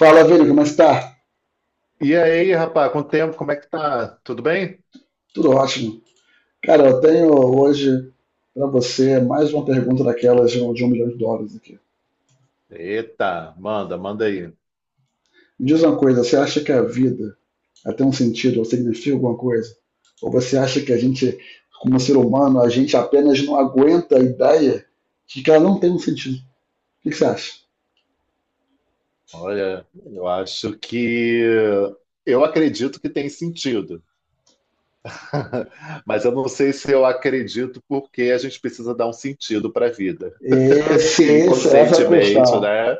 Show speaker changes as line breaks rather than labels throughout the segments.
Fala, Vini, como está?
E aí, rapaz, quanto tempo? Como é que tá? Tudo bem?
Tudo ótimo. Cara, eu tenho hoje para você mais uma pergunta daquelas de um milhão de dólares aqui.
Eita, manda aí.
Me diz uma coisa, você acha que a vida ela tem um sentido ou significa alguma coisa? Ou você acha que a gente, como ser humano, a gente apenas não aguenta a ideia de que ela não tem um sentido? O que que você acha?
Olha, eu acho que eu acredito que tem sentido, mas eu não sei se eu acredito porque a gente precisa dar um sentido para a vida.
Esse-
E
esse- essa é a
inconscientemente,
questão.
né?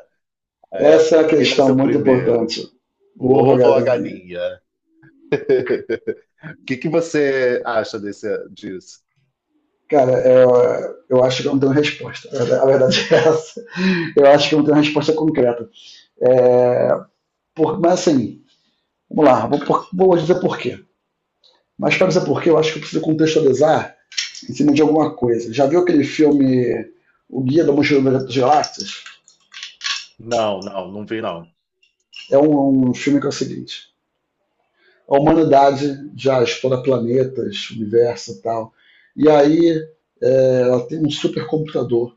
É,
Essa é a
quem
questão
nasceu
muito
primeiro,
importante.
o
Boa,
ovo ou a
galinha.
galinha? O que que você acha disso?
Cara, eu acho que eu não tenho resposta. A verdade é essa. Eu acho que não tem uma resposta concreta. É, mas assim, vamos lá, vou dizer por quê. Mas para dizer por quê, eu acho que eu preciso contextualizar em cima de alguma coisa. Já viu aquele filme O Guia da Mochila das Galáxias?
Não, não, não vi não.
É um filme que é o seguinte: a humanidade já explora planetas, universo e tal. E aí ela tem um supercomputador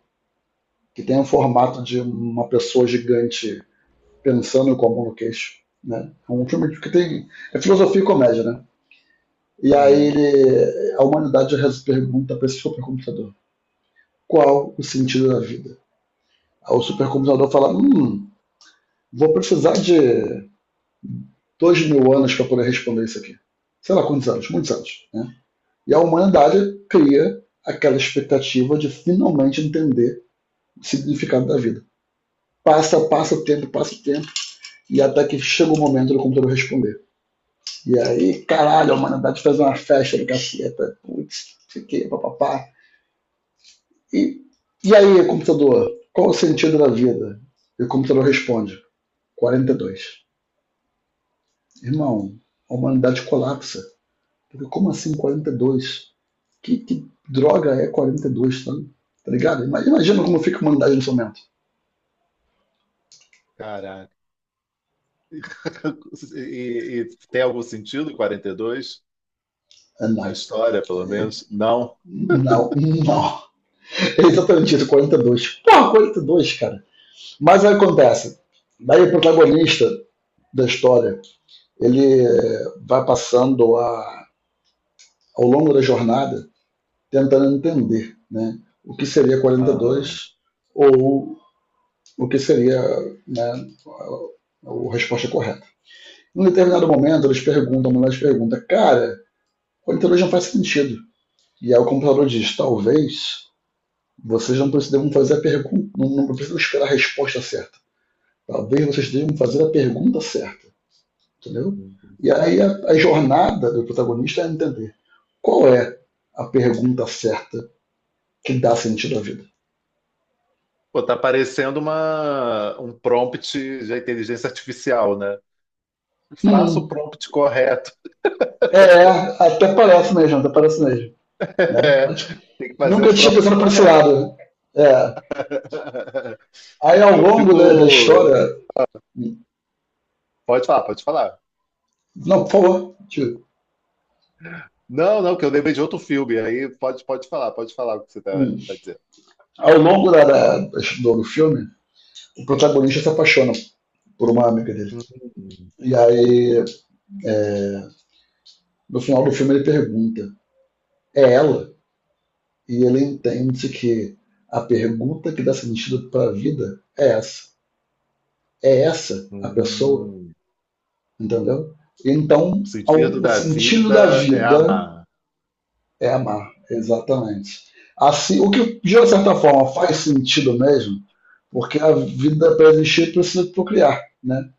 que tem o formato de uma pessoa gigante pensando com a mão no queixo. Né? É um filme que tem. É filosofia e comédia, né? E aí
Uhum.
a humanidade reza pergunta para esse supercomputador: qual o sentido da vida? Aí o supercomputador fala: vou precisar de 2000 anos para poder responder isso aqui. Sei lá quantos anos, muitos anos. Né? E a humanidade cria aquela expectativa de finalmente entender o significado da vida. Passa, passa o tempo, e até que chega o momento do computador responder. E aí, caralho, a humanidade faz uma festa do caceta. Putz, fiquei, papapá. E, e aí, computador, qual o sentido da vida? E o computador responde: 42. Irmão, a humanidade colapsa. Porque como assim 42? Que droga é 42, tá, tá ligado? Imagina como fica a humanidade nesse momento.
E tem algum sentido 42
Ah,
na
não,
história, pelo menos? Não.
não, não. É exatamente isso, 42. Porra, 42, cara. Mas aí acontece. Daí o protagonista da história, ele vai passando ao longo da jornada tentando entender né, o que seria
Aham.
42 ou o que seria né, a resposta correta. Em um determinado momento, eles perguntam, a mulher pergunta, cara, 42 não faz sentido. E aí o computador diz, talvez vocês não devam fazer a pergunta, não, não precisam esperar a resposta certa. Talvez vocês devam fazer a pergunta certa, entendeu? E aí a jornada do protagonista é entender qual é a pergunta certa que dá sentido à vida.
Pô, tá parecendo um prompt de inteligência artificial, né? Faça o
Hum,
prompt correto.
É, até parece mesmo, até parece mesmo. Né? Mas, tipo,
Tem que fazer o
nunca tinha
prompt
pensado por esse
correto.
lado. É. Aí ao
Eu
longo
fico.
da história.
Pode falar, pode falar.
Não, por favor. Tio.
Não, não, que eu lembrei de outro filme. Aí pode falar o que você
Hum.
tá dizendo.
Ao longo do filme, o protagonista se apaixona por uma amiga dele.
Hum,
E aí, é, no final do filme, ele pergunta: é ela? E ele entende que a pergunta que dá sentido para a vida é essa a pessoa,
hum.
entendeu?
O
Então,
sentido
o
da
sentido da
vida é
vida
amar.
é amar, exatamente. Assim, o que de certa
Ah,
forma faz sentido mesmo, porque a vida para existir precisa procriar, né?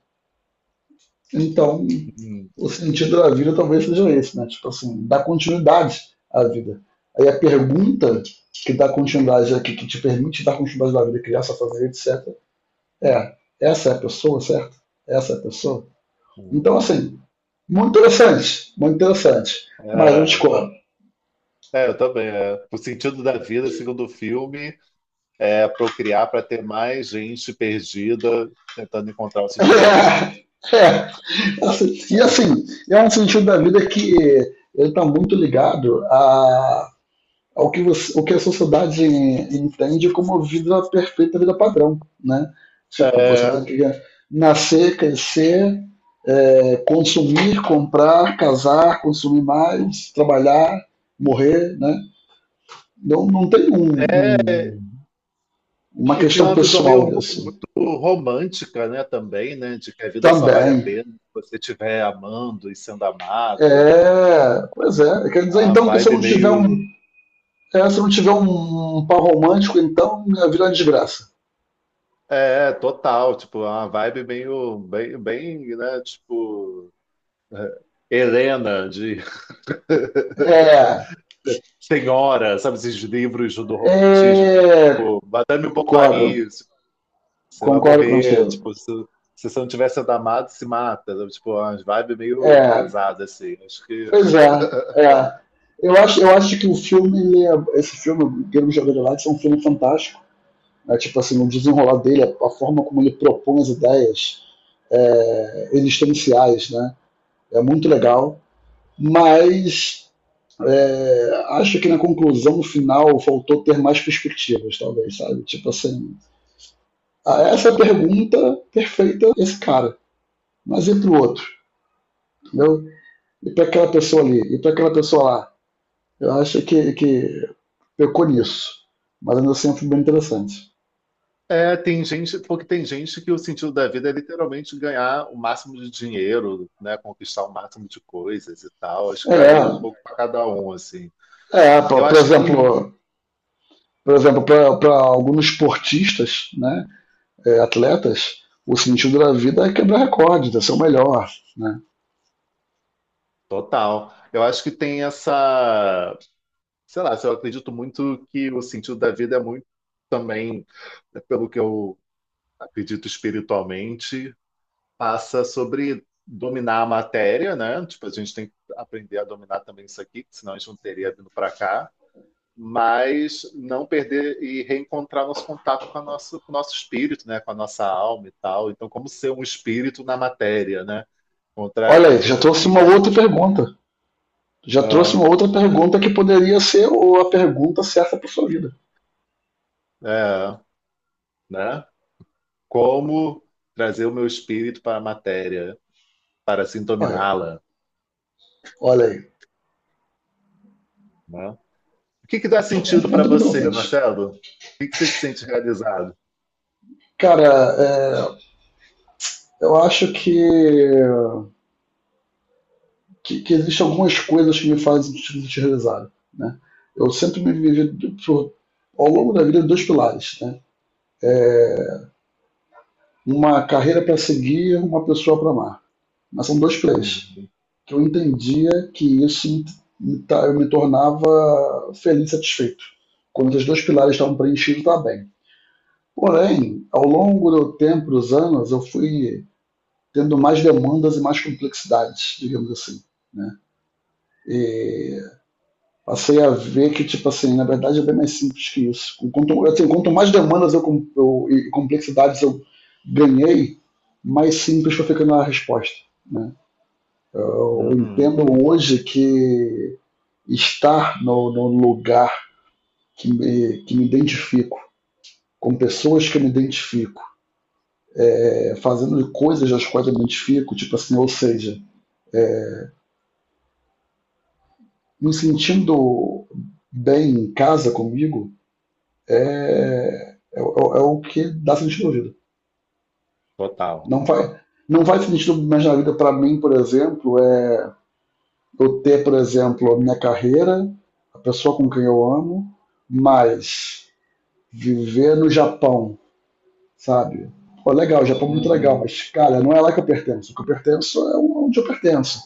Então,
hum,
o sentido da vida talvez seja esse, né? Tipo assim, dar continuidade à vida. Aí a pergunta que dá continuidade aqui, que te permite dar continuidade à vida, criar sua família, etc. É, essa é a pessoa, certo? Essa é a pessoa. Então,
hum.
assim, muito interessante, muito interessante, mas eu
É,
discordo.
eu também. É. O sentido da vida, segundo o filme, é procriar para ter mais gente perdida tentando encontrar o sentido da vida.
É, assim, e
É,
assim, é um sentido da vida que ele está muito ligado a, ao que, você, ao que a sociedade entende como vida perfeita, vida padrão, né? Tipo, você tem
é,
que nascer, crescer, consumir, comprar, casar, consumir mais, trabalhar, morrer, né? Não, não tem um, uma
e tem
questão
uma visão meio
pessoal
muito
disso.
romântica, né, também, né, de que a vida só vale a
Também,
pena se você estiver amando e sendo amado. E
é, pois é. Quer dizer,
a
então, que se eu
vibe
não tiver um,
meio
é, se eu não tiver um par romântico, então minha vida é uma desgraça.
total, tipo, uma vibe meio bem, né, tipo Helena de
É,
Senhora, sabe esses livros do
é,
romantismo, né? Tipo, Madame
concordo,
Bovary, tipo, você vai
concordo
morrer,
contigo.
tipo, se você não tiver sendo amado, se mata, sabe? Tipo, umas vibes meio
É,
pesadas, assim. Acho que...
pois é, é. Eu acho que o filme, esse filme, Guilherme Jogador de Lápis, é um filme fantástico. Né? Tipo assim, o desenrolar dele, a forma como ele propõe as ideias existenciais, né? É muito legal. Mas acho que na conclusão final faltou ter mais perspectivas, talvez, sabe? Tipo assim, ah, essa pergunta perfeita esse cara, mas e pro outro, entendeu? E para aquela pessoa ali, e para aquela pessoa lá. Eu acho que pecou nisso, mas ainda assim foi bem interessante.
É, tem gente, porque tem gente que o sentido da vida é literalmente ganhar o máximo de dinheiro, né? Conquistar o máximo de coisas e tal. Acho que
É,
varia um pouco para cada um, assim.
é por
Eu
por
acho que
exemplo,
tem...
por exemplo, para alguns esportistas, né, atletas, o sentido da vida é quebrar recordes, é ser o melhor, né?
Total. Eu acho que tem essa, sei lá, eu acredito muito que o sentido da vida é muito também, né, pelo que eu acredito espiritualmente, passa sobre dominar a matéria, né? Tipo, a gente tem que aprender a dominar também isso aqui, senão a gente não teria vindo para cá. Mas não perder e reencontrar nosso contato com, a nossa, com o nosso espírito, né? Com a nossa alma e tal. Então, como ser um espírito na matéria, né? Contra,
Olha aí, tu já trouxe
e
uma outra
aí,
pergunta. Tu já trouxe
ah,
uma outra pergunta que poderia ser a pergunta certa para sua vida.
é, né? Como trazer o meu espírito para a matéria, para assim
Olha,
dominá-la,
olha aí.
né? O que que dá
Vamos
sentido para
vamos para
você,
frente.
Marcelo? O que que você se sente realizado?
Cara, é, eu acho que existem algumas coisas que me fazem te realizar, né? Eu sempre me vivi ao longo da vida dois pilares, né? Uma carreira para seguir, uma pessoa para amar. Mas são dois pilares,
Uhum,
que eu entendia que isso eu me tornava feliz, satisfeito. Quando esses dois pilares estavam preenchidos, estava bem. Porém, ao longo do tempo, dos anos, eu fui tendo mais demandas e mais complexidades, digamos assim. Né? E passei a ver que, tipo assim, na verdade é bem mais simples que isso. Quanto mais demandas e complexidades eu ganhei, mais simples foi ficando a resposta. Né? Eu
uhum,
entendo hoje que estar no lugar que me identifico, com pessoas que eu me identifico, fazendo coisas das quais eu me identifico, tipo assim, ou seja, me sentindo bem em casa comigo é o que dá sentido à vida.
total.
Não vai, não vai sentido mais na vida para mim, por exemplo, eu ter, por exemplo, a minha carreira, a pessoa com quem eu amo, mas viver no Japão, sabe? Pô, legal, Japão é muito legal,
Uhum.
mas, cara, não é lá que eu pertenço. O que eu pertenço é onde eu pertenço.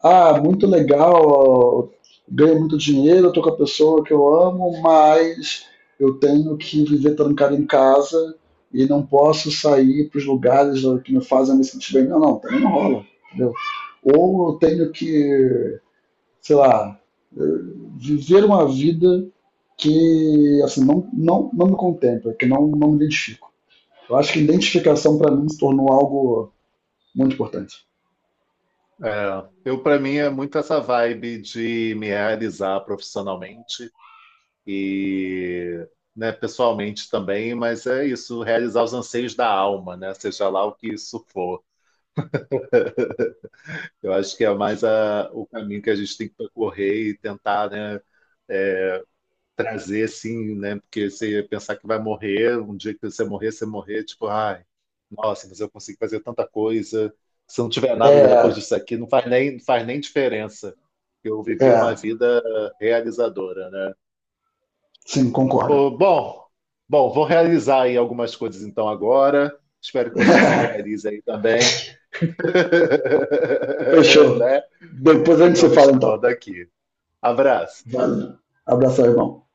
Ah, muito legal, ganho muito dinheiro, estou com a pessoa que eu amo, mas eu tenho que viver trancado em casa e não posso sair para os lugares que me fazem me sentir bem. Não, não, também não rola, entendeu? Ou eu tenho que, sei lá, viver uma vida que assim, não, não, não me contempla, que não, não me identifico. Eu acho que identificação para mim se tornou algo muito importante.
É, eu, para mim, é muito essa vibe de me realizar profissionalmente e, né, pessoalmente também, mas é isso, realizar os anseios da alma, né, seja lá o que isso for. Eu acho que é mais o caminho que a gente tem que percorrer e tentar, né, é, trazer assim, né? Porque você ia pensar que vai morrer, um dia que você morrer, tipo, ai, nossa, mas eu consigo fazer tanta coisa. Se não tiver nada depois
É,
disso aqui, não faz nem, não faz nem diferença. Eu vivi uma
é,
vida realizadora, né?
sim, concordo.
Pô, bom, vou realizar aí algumas coisas então agora. Espero que você se realize aí também,
Fechou.
né?
Depois a
Que
gente
estão
se
me
fala então.
chamando aqui. Abraço.
Valeu. Abraço, irmão.